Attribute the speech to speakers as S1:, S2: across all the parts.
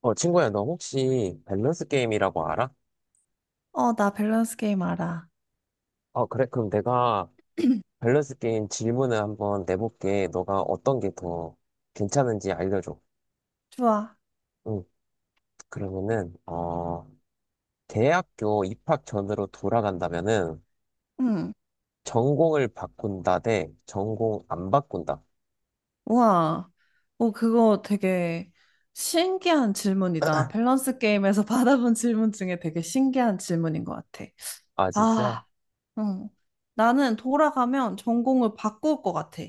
S1: 친구야, 너 혹시 밸런스 게임이라고 알아?
S2: 어, 나 밸런스 게임 알아.
S1: 그래. 그럼 내가 밸런스 게임 질문을 한번 내볼게. 너가 어떤 게 더 괜찮은지 알려줘.
S2: 좋아.
S1: 응. 그러면은, 대학교 입학 전으로 돌아간다면은
S2: 응.
S1: 전공을 바꾼다 대 전공 안 바꾼다.
S2: 우와. 어, 그거 되게 신기한 질문이다. 밸런스 게임에서 받아본 질문 중에 되게 신기한 질문인 것 같아.
S1: 아, 진짜?
S2: 아, 응. 나는 돌아가면 전공을 바꿀 것 같아.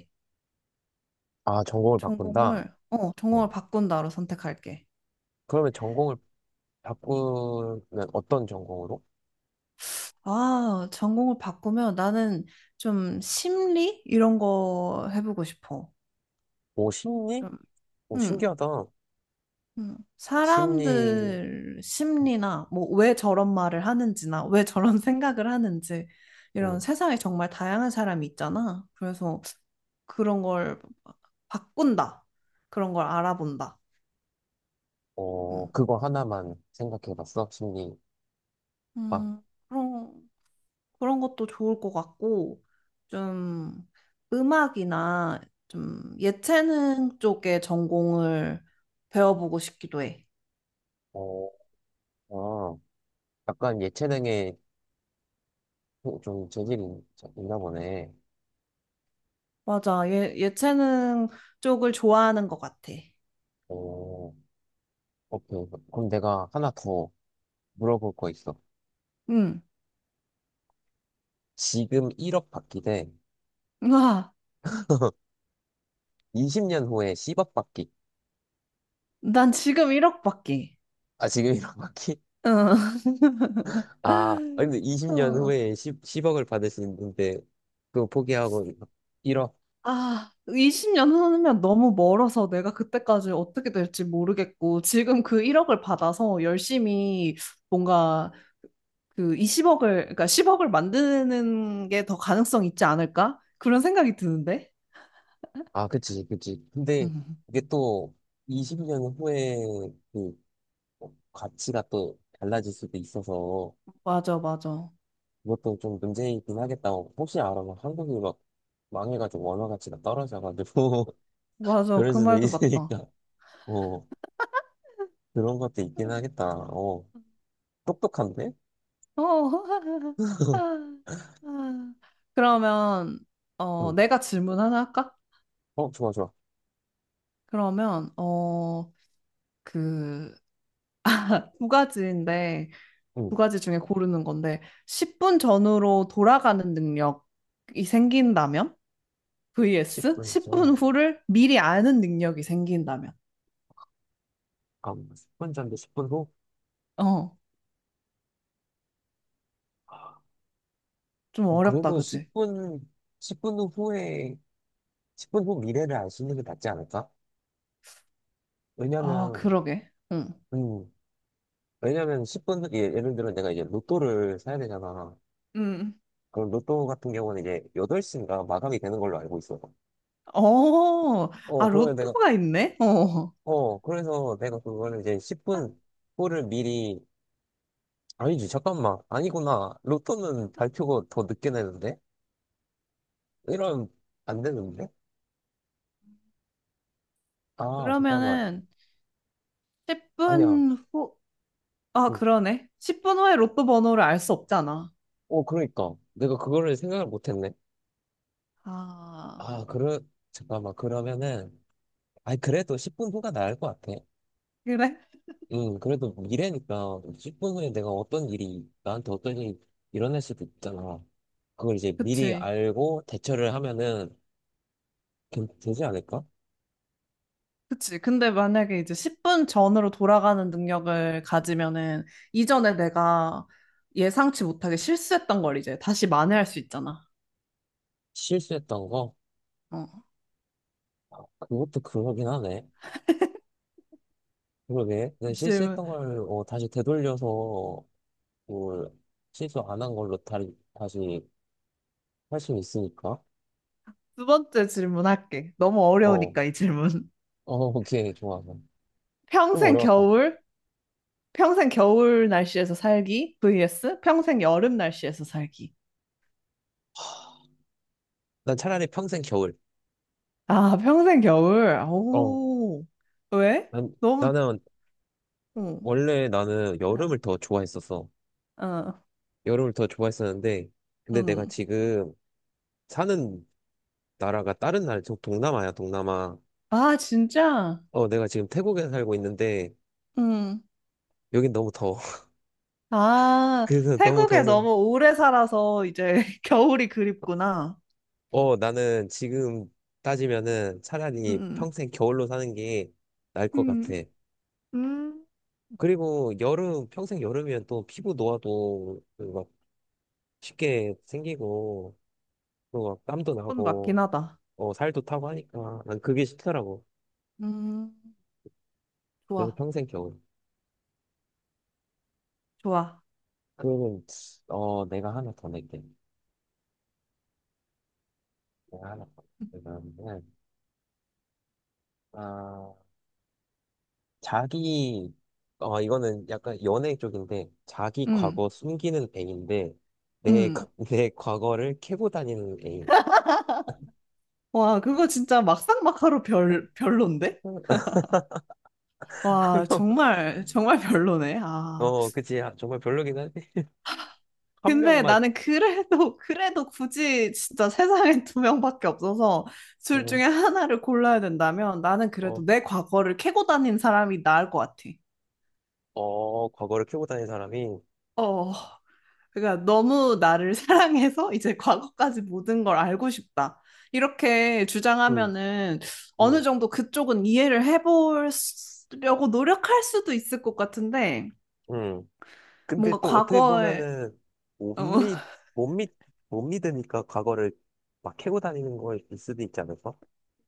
S1: 아, 전공을 바꾼다?
S2: 전공을, 어, 전공을
S1: 어.
S2: 바꾼다로 선택할게.
S1: 그러면 전공을 바꾸면 어떤 전공으로?
S2: 아, 전공을 바꾸면 나는 좀 심리? 이런 거 해보고 싶어.
S1: 오, 심리?
S2: 좀,
S1: 오,
S2: 응.
S1: 신기하다. 심리,
S2: 사람들 심리나 뭐 왜 저런 말을 하는지나 왜 저런 생각을 하는지 이런 세상에 정말 다양한 사람이 있잖아. 그래서 그런 걸 바꾼다. 그런 걸 알아본다. 음,
S1: 그거 하나만 생각해봤어? 심리학?
S2: 음, 그런, 그런 것도 좋을 것 같고 좀 음악이나 좀 예체능 쪽에 전공을 배워보고 싶기도 해.
S1: 어, 아, 약간 예체능에 좀 재질이 있나 보네.
S2: 맞아. 예, 예체능 쪽을 좋아하는 것 같아.
S1: 어, 오케이. 그럼 내가 하나 더 물어볼 거 있어.
S2: 응.
S1: 지금 1억 받기 대
S2: 와,
S1: 20년 후에 10억 받기.
S2: 난 지금 1억밖에.
S1: 아, 지금 1억 받기?
S2: 응.
S1: 아, 근데 20년
S2: 어.
S1: 후에 10억을 받을 수 있는데, 그거 포기하고 1억?
S2: 아, 20년 후면 너무 멀어서 내가 그때까지 어떻게 될지 모르겠고, 지금 그 1억을 받아서 열심히 뭔가 그 20억을, 그러니까 10억을 만드는 게 더 가능성 있지 않을까? 그런 생각이 드는데.
S1: 아, 그치, 그치. 근데
S2: 음.
S1: 이게 또 20년 후에 그 뭐 가치가 또 달라질 수도 있어서
S2: 맞아, 맞아.
S1: 그것도 좀 문제이긴 하겠다고 혹시 알아? 막 한국이 막 망해가지고 원화 가치가 떨어져가지고
S2: 맞아.
S1: 그럴
S2: 그
S1: 수도
S2: 말도 맞다.
S1: 있으니까 어 그런 것도 있긴
S2: 음.
S1: 하겠다. 똑똑한데?
S2: 어. 아, 아. 그러면, 어,
S1: 응.
S2: 내가 질문 하나 할까?
S1: 좋아, 좋아.
S2: 그러면 어, 그 두 가지인데
S1: 응.
S2: 두 가지 중에 고르는 건데 10분 전으로 돌아가는 능력이 생긴다면 vs
S1: 10분
S2: 10분
S1: 전.
S2: 후를 미리 아는 능력이 생긴다면
S1: 아, 10분 전인데 10분 후?
S2: 어,
S1: 아,
S2: 좀 어렵다,
S1: 그래도
S2: 그지?
S1: 10분, 십 분 후에 10분 후 미래를 알 수 있는 게 낫지 않을까?
S2: 아,
S1: 왜냐면
S2: 그러게. 응.
S1: 음 왜냐면 10분 후- 예를 들어 내가 이제 로또를 사야 되잖아.
S2: 응.
S1: 그 로또 같은 경우는 이제 8시인가 마감이 되는 걸로 알고 있어요.
S2: 어,
S1: 어,
S2: 아,
S1: 그러면 내가,
S2: 로또가 있네? 어.
S1: 어, 그래서 내가 그거를 이제 10분 후를 미리, 아니지, 잠깐만. 아니구나. 로또는 발표가 더 늦게 내는데? 이러면 안 되는데? 아, 잠깐만.
S2: 그러면은
S1: 아니야.
S2: 10분 후, 아,
S1: 응.
S2: 그러네. 10분 후에 로또 번호를 알 수 없잖아.
S1: 그러니까. 내가 그거를 생각을 못 했네.
S2: 아,
S1: 아, 잠깐만. 그러면은, 아니, 그래도 10분 후가 나을 것 같아.
S2: 그래?
S1: 응, 그래도 미래니까 10분 후에 내가 어떤 일이 나한테 어떤 일이 일어날 수도 있잖아. 그걸 이제 미리
S2: 그치.
S1: 알고 대처를 하면은 되지 않을까?
S2: 그치. 근데 만약에 이제 10분 전으로 돌아가는 능력을 가지면은 이전에 내가 예상치 못하게 실수했던 걸 이제 다시 만회할 수 있잖아.
S1: 실수했던 거?
S2: 어.
S1: 아, 그것도 그러긴 하네. 그러게. 내가
S2: 이 질문.
S1: 실수했던 걸 다시 되돌려서 뭘 실수 안 한 걸로 다시 할 수 있으니까.
S2: 두 번째 질문 할게. 너무
S1: 어,
S2: 어려우니까 이 질문.
S1: 오케이, 좋아. 좀
S2: 평생
S1: 어려웠다.
S2: 겨울? 평생 겨울 날씨에서 살기? vs 평생 여름 날씨에서 살기.
S1: 난 차라리 평생 겨울.
S2: 아, 평생 겨울.
S1: 어,
S2: 오. 왜? 너무,
S1: 나는
S2: 어,
S1: 원래 나는 여름을
S2: 아,
S1: 더 좋아했었어.
S2: 어,
S1: 여름을 더 좋아했었는데, 근데 내가
S2: 음.
S1: 지금 사는 나라가 다른 나라, 저 동남아야, 동남아.
S2: 아, 진짜?
S1: 내가 지금 태국에 살고 있는데,
S2: 응.
S1: 여긴 너무 더워.
S2: 아,
S1: 그래서 너무
S2: 태국에
S1: 더워서,
S2: 너무 오래 살아서 이제 겨울이 그립구나.
S1: 나는 지금 따지면은 차라리
S2: 음,
S1: 평생 겨울로 사는 게 나을 것 같아.
S2: 음, 음,
S1: 그리고 평생 여름이면 또 피부 노화도 그막 쉽게 생기고, 또 막 땀도
S2: 그건 맞긴
S1: 나고,
S2: 하다.
S1: 살도 타고 하니까 난 그게 싫더라고.
S2: 음,
S1: 그래서
S2: 좋아,
S1: 평생 겨울.
S2: 좋아.
S1: 그러면 내가 하나 더 낼게. 제가 하나 그러면은 아 자기 이거는 약간 연애 쪽인데 자기
S2: 음,
S1: 과거 숨기는 애인데
S2: 음.
S1: 내 과거를 캐고 다니는 애인.
S2: 와, 그거 진짜 막상 막하로 별론데?
S1: 한
S2: 와,
S1: 명
S2: 정말, 정말 별로네. 아.
S1: 그치. 아, 정말 별로긴 한데 한
S2: 근데
S1: 명만.
S2: 나는 그래도, 그래도 굳이 진짜 세상에 두 명밖에 없어서 둘
S1: 어어.
S2: 중에 하나를 골라야 된다면 나는
S1: 어,
S2: 그래도 내 과거를 캐고 다닌 사람이 나을 것 같아.
S1: 과거를 캐고 다니는 사람이.
S2: 어, 그러니까 너무 나를 사랑해서 이제 과거까지 모든 걸 알고 싶다. 이렇게
S1: 응.
S2: 주장하면은
S1: 응.
S2: 어느 정도 그쪽은 이해를 해보려고 노력할 수도 있을 것 같은데
S1: 응. 근데
S2: 뭔가
S1: 또 어떻게
S2: 과거에
S1: 보면은
S2: 어,
S1: 못믿못믿못 믿으니까 과거를 막 캐고 다니는 거일 수도 있지 않을까?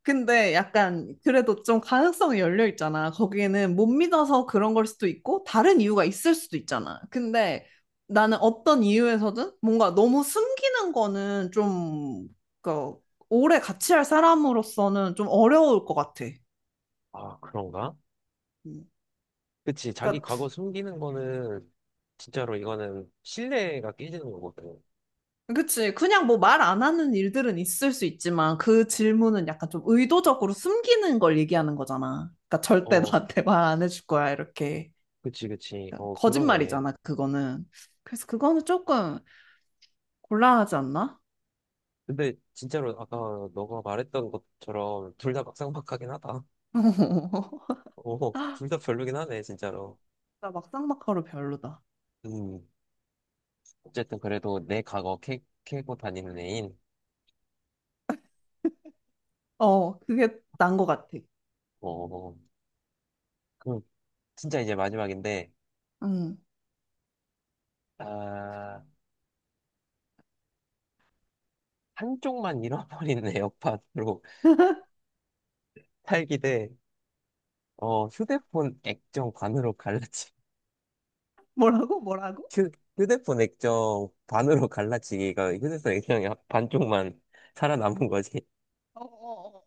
S2: 근데 약간 그래도 좀 가능성이 열려 있잖아. 거기에는 못 믿어서 그런 걸 수도 있고 다른 이유가 있을 수도 있잖아. 근데 나는 어떤 이유에서든 뭔가 너무 숨기는 거는 좀 그, 오래 같이 할 사람으로서는 좀 어려울 것 같아.
S1: 아, 그런가?
S2: 음.
S1: 그치. 자기
S2: 그러니까
S1: 과거 숨기는 거는 진짜로 이거는 신뢰가 깨지는 거거든.
S2: 그치. 그냥 뭐 말 안 하는 일들은 있을 수 있지만 그 질문은 약간 좀 의도적으로 숨기는 걸 얘기하는 거잖아. 그러니까 절대
S1: 어,
S2: 나한테 말 안 해줄 거야 이렇게.
S1: 그치, 그치.
S2: 그러니까
S1: 그러네.
S2: 거짓말이잖아, 그거는. 그래서 그거는 조금 곤란하지 않나?
S1: 근데 진짜로 아까 너가 말했던 것처럼 둘 다 막상막하긴 하다. 둘 다 별로긴 하네, 진짜로.
S2: 나 막상 막하로 별로다.
S1: 음, 어쨌든 그래도 내 과거 캐고 다니는 애인.
S2: 어, 그게 난 것 같아.
S1: 어, 그럼 진짜 이제 마지막인데,
S2: 응.
S1: 아, 한쪽만 잃어버리는 애역판으로 살기 대, 휴대폰 액정 반으로
S2: 뭐라고? 뭐라고?
S1: 휴, 휴대폰 액정 반으로 갈라치기가 휴대폰 액정이 반쪽만 살아남은 거지.
S2: 어, 어, 어.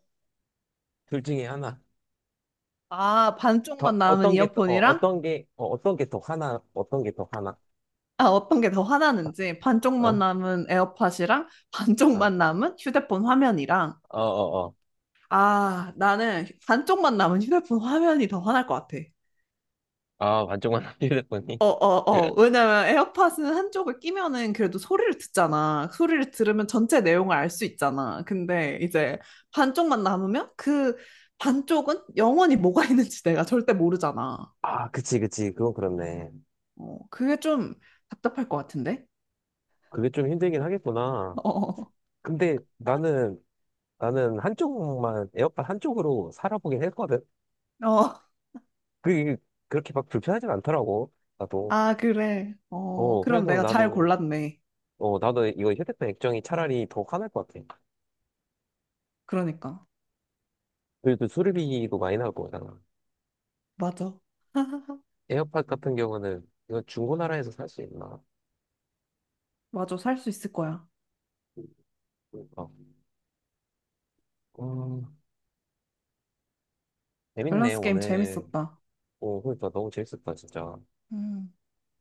S1: 둘 중에 하나.
S2: 아,
S1: 더,
S2: 반쪽만 남은
S1: 어떤 게, 더-
S2: 이어폰이랑
S1: 어떤 게, 어떤 게 더 하나, 어떤 게 더 하나.
S2: 아, 어떤 게 더 화나는지 반쪽만
S1: 어?
S2: 남은 에어팟이랑
S1: 어,
S2: 반쪽만 남은 휴대폰 화면이랑.
S1: 어, 어. 어.
S2: 아, 나는 반쪽만 남은 휴대폰 화면이 더 화날 것 같아.
S1: 아, 반쪽만 휴대폰이.
S2: 어, 어, 어. 왜냐면 에어팟은 한쪽을 끼면은 그래도 소리를 듣잖아. 소리를 들으면 전체 내용을 알 수 있잖아. 근데 이제 반쪽만 남으면 그 반쪽은 영원히 뭐가 있는지 내가 절대 모르잖아.
S1: 아, 그치, 그치. 그건 그렇네.
S2: 어, 그게 좀 답답할 것 같은데?
S1: 그게 좀 힘들긴 하겠구나.
S2: 어, 어.
S1: 근데 나는 한쪽만, 에어팟 한쪽으로 살아보긴 했거든.
S2: 어.
S1: 그게 그렇게 막 불편하진 않더라고. 나도.
S2: 아, 그래. 어, 그럼
S1: 그래서
S2: 내가 잘
S1: 나도
S2: 골랐네.
S1: 어, 나도 이거 휴대폰 액정이 차라리 더 화날 것 같아.
S2: 그러니까.
S1: 그래도 수리비도 많이 나올 거잖아.
S2: 맞아.
S1: 에어팟 같은 경우는 이거 중고나라에서 살 수 있나?
S2: 맞아. 살 수 있을 거야.
S1: 그러니까. 음, 재밌네,
S2: 밸런스 게임
S1: 오늘.
S2: 재밌었다.
S1: 오, 그러니까 너무 재밌었다, 진짜.
S2: 음,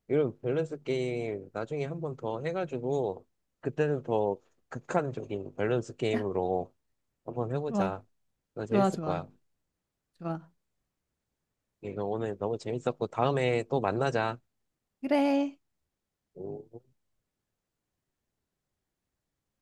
S1: 이런 밸런스 게임 나중에 한 번 더 해가지고, 그때는 더 극한적인 밸런스 게임으로 한번
S2: 좋아,
S1: 해보자. 너
S2: 좋아,
S1: 재밌을
S2: 좋아,
S1: 거야.
S2: 좋아.
S1: 이거 오늘 너무 재밌었고, 다음에 또 만나자.
S2: 그래.
S1: 오.